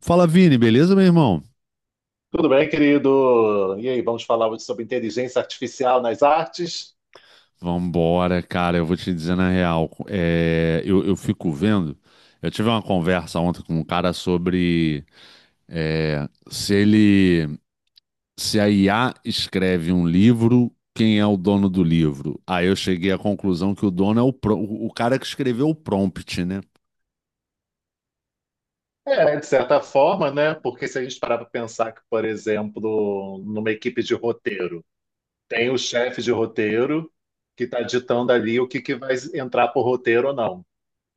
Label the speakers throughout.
Speaker 1: Fala, Vini, beleza, meu irmão?
Speaker 2: Tudo bem, querido? E aí, vamos falar hoje sobre inteligência artificial nas artes?
Speaker 1: Vambora, cara, eu vou te dizer na real. Eu fico vendo. Eu tive uma conversa ontem com um cara sobre é, se ele, se a IA escreve um livro, quem é o dono do livro? Aí eu cheguei à conclusão que o dono é o cara que escreveu o prompt, né?
Speaker 2: É, de certa forma, né? Porque se a gente parar para pensar que, por exemplo, numa equipe de roteiro, tem o chefe de roteiro que está ditando ali o que vai entrar por roteiro ou não.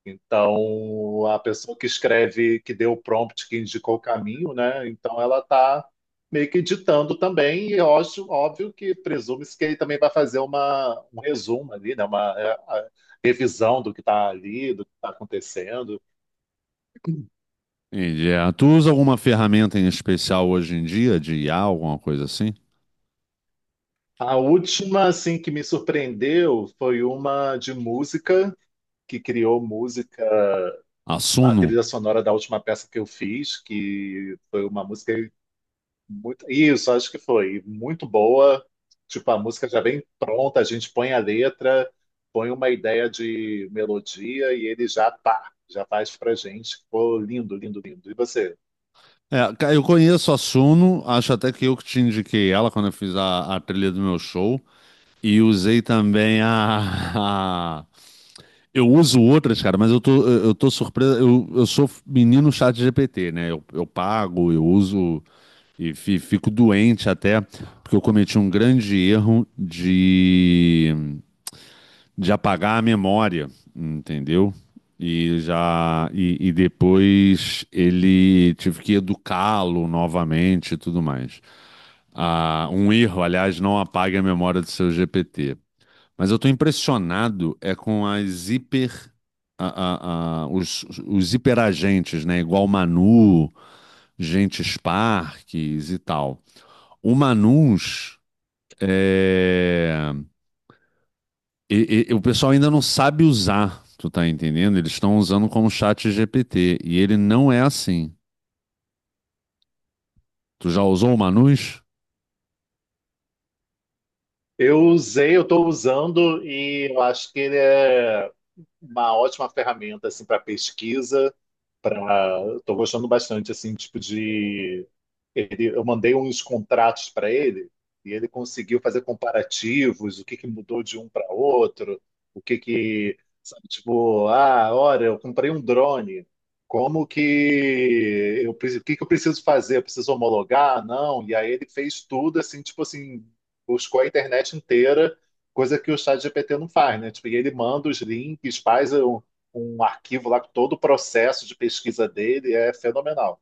Speaker 2: Então, a pessoa que escreve, que deu o prompt, que indicou o caminho, né? Então, ela está meio que ditando também, e eu acho óbvio que presume-se que ele também vai fazer um resumo ali, né? Uma a revisão do que está ali, do que está acontecendo.
Speaker 1: Entendi. Tu usa alguma ferramenta em especial hoje em dia de IA, alguma coisa assim?
Speaker 2: A última, assim, que me surpreendeu foi uma de música, que criou música, a
Speaker 1: Assuno?
Speaker 2: trilha sonora da última peça que eu fiz, que foi uma música muito, isso, acho que foi muito boa. Tipo, a música já vem pronta, a gente põe a letra, põe uma ideia de melodia e ele já pá, já faz pra gente. Ficou lindo, lindo, lindo. E você?
Speaker 1: Eu conheço a Suno, acho até que eu que te indiquei ela quando eu fiz a trilha do meu show. E usei também. Eu uso outras, cara, mas eu tô surpreso. Eu sou menino chat GPT, né? Eu pago, eu uso e fico doente até, porque eu cometi um grande erro de apagar a memória, entendeu? E já e depois ele tive que educá-lo novamente e tudo mais. Ah, um erro, aliás, não apague a memória do seu GPT. Mas eu estou impressionado é com as hiper os hiperagentes, né? Igual Manu, Gentes Parques e tal. O Manus é, o pessoal ainda não sabe usar, tu tá entendendo? Eles estão usando como chat GPT e ele não é assim. Tu já usou o Manus?
Speaker 2: Eu usei, eu estou usando e eu acho que ele é uma ótima ferramenta assim para pesquisa, para, estou gostando bastante, assim, tipo, de ele, eu mandei uns contratos para ele e ele conseguiu fazer comparativos, o que que mudou de um para outro, o que que, sabe, tipo, ah, olha, eu comprei um drone, como que eu, o que que eu preciso fazer? Eu preciso homologar? Não. E aí ele fez tudo assim, tipo assim, buscou a internet inteira, coisa que o ChatGPT não faz, né? Tipo, e ele manda os links, faz um arquivo lá com todo o processo de pesquisa dele, é fenomenal.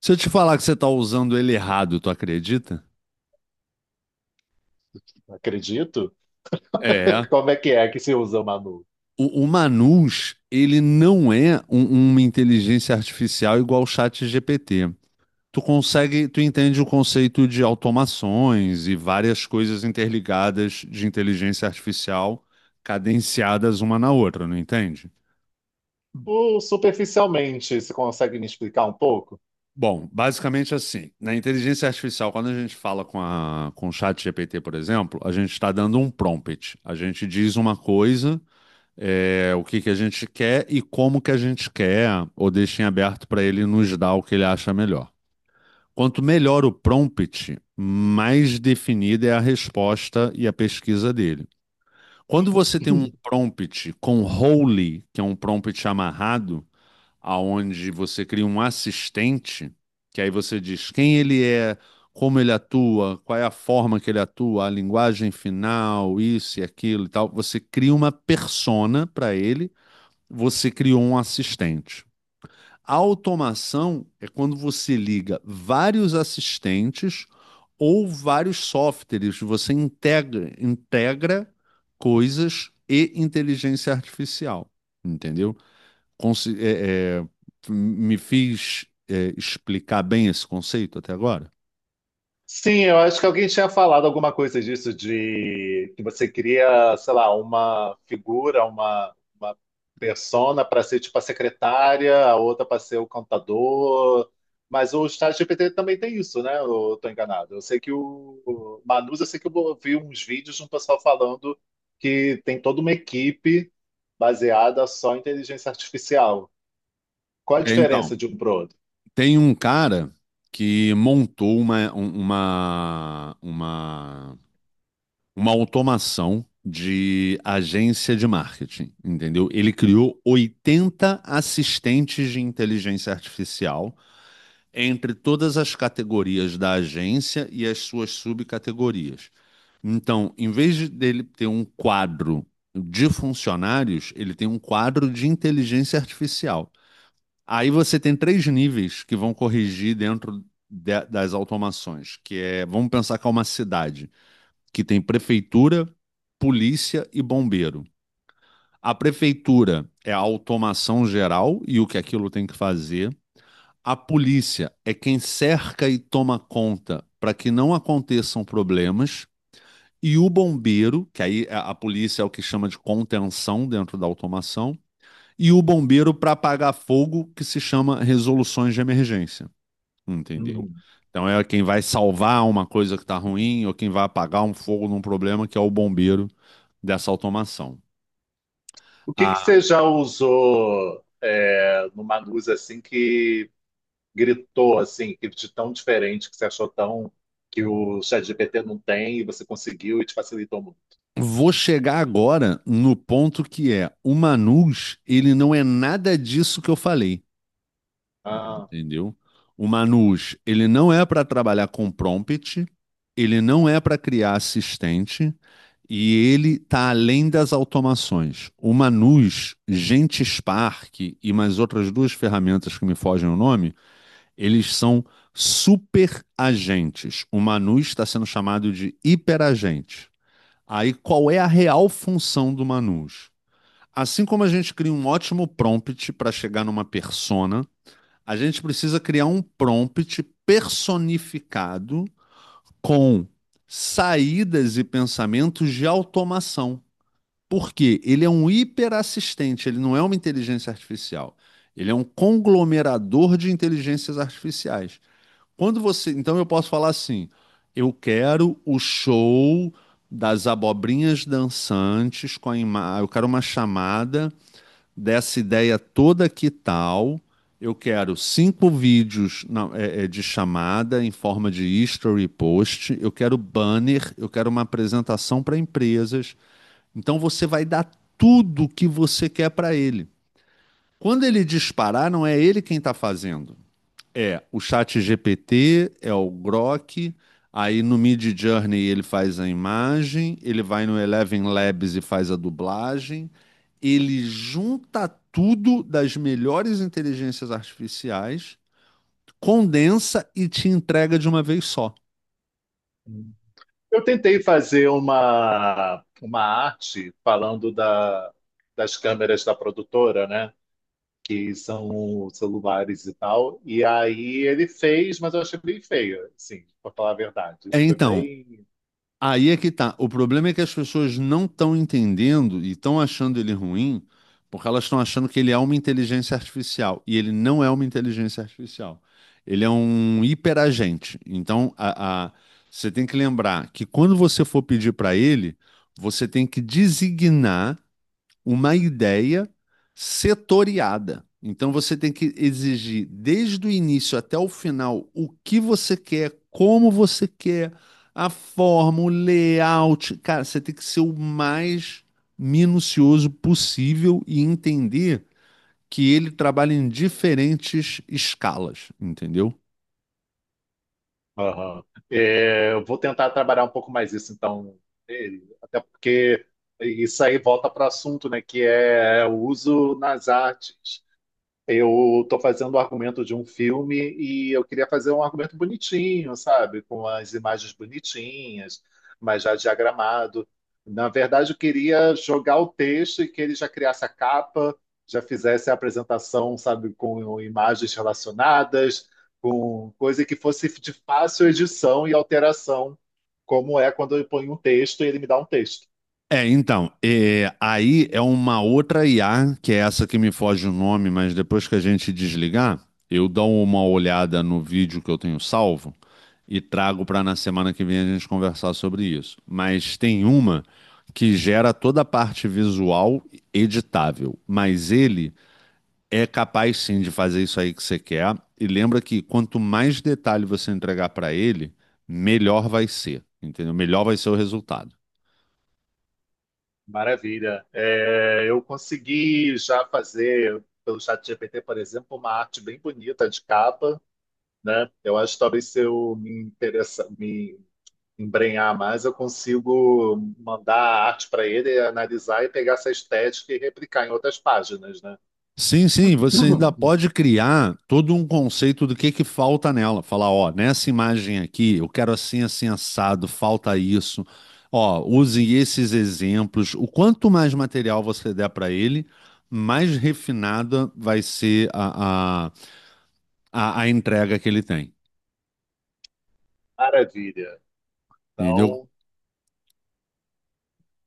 Speaker 1: Se eu te falar que você tá usando ele errado, tu acredita?
Speaker 2: Acredito.
Speaker 1: É.
Speaker 2: Como é que se usa, Manu?
Speaker 1: O Manus, ele não é uma inteligência artificial igual o chat GPT. Tu consegue, tu entende o conceito de automações e várias coisas interligadas de inteligência artificial cadenciadas uma na outra, não entende?
Speaker 2: Superficialmente, você consegue me explicar um pouco?
Speaker 1: Bom, basicamente assim, na inteligência artificial, quando a gente fala com a, com o chat GPT, por exemplo, a gente está dando um prompt. A gente diz uma coisa, o que que a gente quer e como que a gente quer, ou deixa em aberto para ele nos dar o que ele acha melhor. Quanto melhor o prompt, mais definida é a resposta e a pesquisa dele. Quando você tem um prompt com role, que é um prompt amarrado, aonde você cria um assistente, que aí você diz quem ele é, como ele atua, qual é a forma que ele atua, a linguagem final, isso e aquilo e tal. Você cria uma persona para ele, você criou um assistente. A automação é quando você liga vários assistentes ou vários softwares, você integra coisas e inteligência artificial, entendeu? consi- é, é, Me fiz explicar bem esse conceito até agora?
Speaker 2: Sim, eu acho que alguém tinha falado alguma coisa disso, de que você cria, sei lá, uma figura, uma persona para ser tipo a secretária, a outra para ser o contador. Mas o ChatGPT também tem isso, né? Eu tô enganado. Eu sei que o Manus, eu sei que eu vi uns vídeos de um pessoal falando que tem toda uma equipe baseada só em inteligência artificial. Qual a
Speaker 1: Então,
Speaker 2: diferença de um pro outro?
Speaker 1: tem um cara que montou uma, um- uma automação de agência de marketing, entendeu? Ele criou 80 assistentes de inteligência artificial entre todas as categorias da agência e as suas subcategorias. Então, em vez de dele ter um quadro de funcionários, ele tem um quadro de inteligência artificial. Aí você tem três níveis que vão corrigir dentro das automações, que é, vamos pensar que é uma cidade que tem prefeitura, polícia e bombeiro. A prefeitura é a automação geral e o que aquilo tem que fazer. A polícia é quem cerca e toma conta para que não aconteçam problemas, e o bombeiro, que aí a polícia é o que chama de contenção dentro da automação, e o bombeiro para apagar fogo, que se chama resoluções de emergência. Entendeu?
Speaker 2: Uhum.
Speaker 1: Então é quem vai salvar uma coisa que está ruim ou quem vai apagar um fogo num problema, que é o bombeiro dessa automação.
Speaker 2: O que que
Speaker 1: Ah,
Speaker 2: você já usou, é, numa luz assim que gritou assim, que de tão diferente, que você achou tão, que o ChatGPT não tem e você conseguiu e te facilitou muito?
Speaker 1: vou chegar agora no ponto que é o Manus, ele não é nada disso que eu falei.
Speaker 2: Ah,
Speaker 1: Entendeu? O Manus, ele não é para trabalhar com prompt, ele não é para criar assistente e ele está além das automações. O Manus, GenteSpark e mais outras duas ferramentas que me fogem o nome, eles são super agentes. O Manus está sendo chamado de hiperagente. Aí qual é a real função do Manus? Assim como a gente cria um ótimo prompt para chegar numa persona, a gente precisa criar um prompt personificado com saídas e pensamentos de automação. Porque ele é um hiperassistente, ele não é uma inteligência artificial. Ele é um conglomerador de inteligências artificiais. Quando você, então eu posso falar assim: eu quero o show das abobrinhas dançantes com a imagem, eu quero uma chamada dessa ideia toda que tal. Eu quero cinco vídeos de chamada em forma de history post. Eu quero banner, eu quero uma apresentação para empresas. Então você vai dar tudo o que você quer para ele. Quando ele disparar, não é ele quem está fazendo. É, o chat GPT é o Grok, aí no Mid Journey ele faz a imagem, ele vai no Eleven Labs e faz a dublagem, ele junta tudo das melhores inteligências artificiais, condensa e te entrega de uma vez só.
Speaker 2: eu tentei fazer uma arte falando da, das câmeras da produtora, né? Que são celulares e tal. E aí ele fez, mas eu achei bem feio, assim, para falar a verdade. Foi
Speaker 1: Então,
Speaker 2: bem.
Speaker 1: aí é que tá. O problema é que as pessoas não estão entendendo e estão achando ele ruim porque elas estão achando que ele é uma inteligência artificial. E ele não é uma inteligência artificial. Ele é um hiperagente. Então, você tem que lembrar que quando você for pedir para ele, você tem que designar uma ideia setoriada. Então você tem que exigir desde o início até o final o que você quer, como você quer, a forma, o layout. Cara, você tem que ser o mais minucioso possível e entender que ele trabalha em diferentes escalas, entendeu?
Speaker 2: Aham. É, eu vou tentar trabalhar um pouco mais isso, então, é, até porque isso aí volta para o assunto, né, que é o uso nas artes. Eu estou fazendo o argumento de um filme e eu queria fazer um argumento bonitinho, sabe? Com as imagens bonitinhas, mas já diagramado. Na verdade, eu queria jogar o texto e que ele já criasse a capa, já fizesse a apresentação, sabe? Com imagens relacionadas, com coisa que fosse de fácil edição e alteração, como é quando eu ponho um texto e ele me dá um texto.
Speaker 1: Então, aí é uma outra IA, que é essa que me foge o nome, mas depois que a gente desligar, eu dou uma olhada no vídeo que eu tenho salvo e trago para na semana que vem a gente conversar sobre isso. Mas tem uma que gera toda a parte visual editável, mas ele é capaz sim de fazer isso aí que você quer. E lembra que quanto mais detalhe você entregar para ele, melhor vai ser, entendeu? Melhor vai ser o resultado.
Speaker 2: Maravilha. É, eu consegui já fazer, pelo ChatGPT, por exemplo, uma arte bem bonita de capa, né? Eu acho que talvez se eu me interessar, me embrenhar mais, eu consigo mandar a arte para ele, analisar e pegar essa estética e replicar em outras páginas, né?
Speaker 1: Sim, sim, você ainda
Speaker 2: Uhum.
Speaker 1: pode criar todo um conceito do que falta nela. Falar, ó, nessa imagem aqui, eu quero assim, assim, assado, falta isso. Ó, use esses exemplos. O quanto mais material você der para ele, mais refinada vai ser a entrega que ele tem.
Speaker 2: Maravilha.
Speaker 1: Entendeu?
Speaker 2: Então,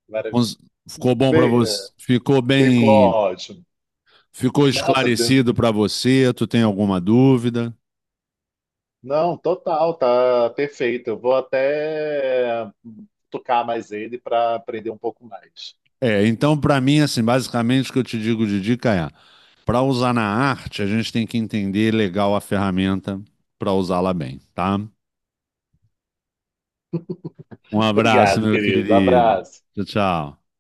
Speaker 2: maravilha.
Speaker 1: Cons- Ficou bom para
Speaker 2: Bem, é,
Speaker 1: você? Ficou
Speaker 2: ficou
Speaker 1: bem?
Speaker 2: ótimo.
Speaker 1: Ficou
Speaker 2: Nossa,
Speaker 1: esclarecido para você? Tu tem alguma dúvida?
Speaker 2: não, total, tá perfeito. Eu vou até tocar mais ele para aprender um pouco mais.
Speaker 1: É, então, para mim, assim, basicamente o que eu te digo de dica é: para usar na arte, a gente tem que entender legal a ferramenta para usá-la bem, tá? Um abraço,
Speaker 2: Obrigado,
Speaker 1: meu
Speaker 2: querido.
Speaker 1: querido.
Speaker 2: Abraço.
Speaker 1: Tchau, tchau.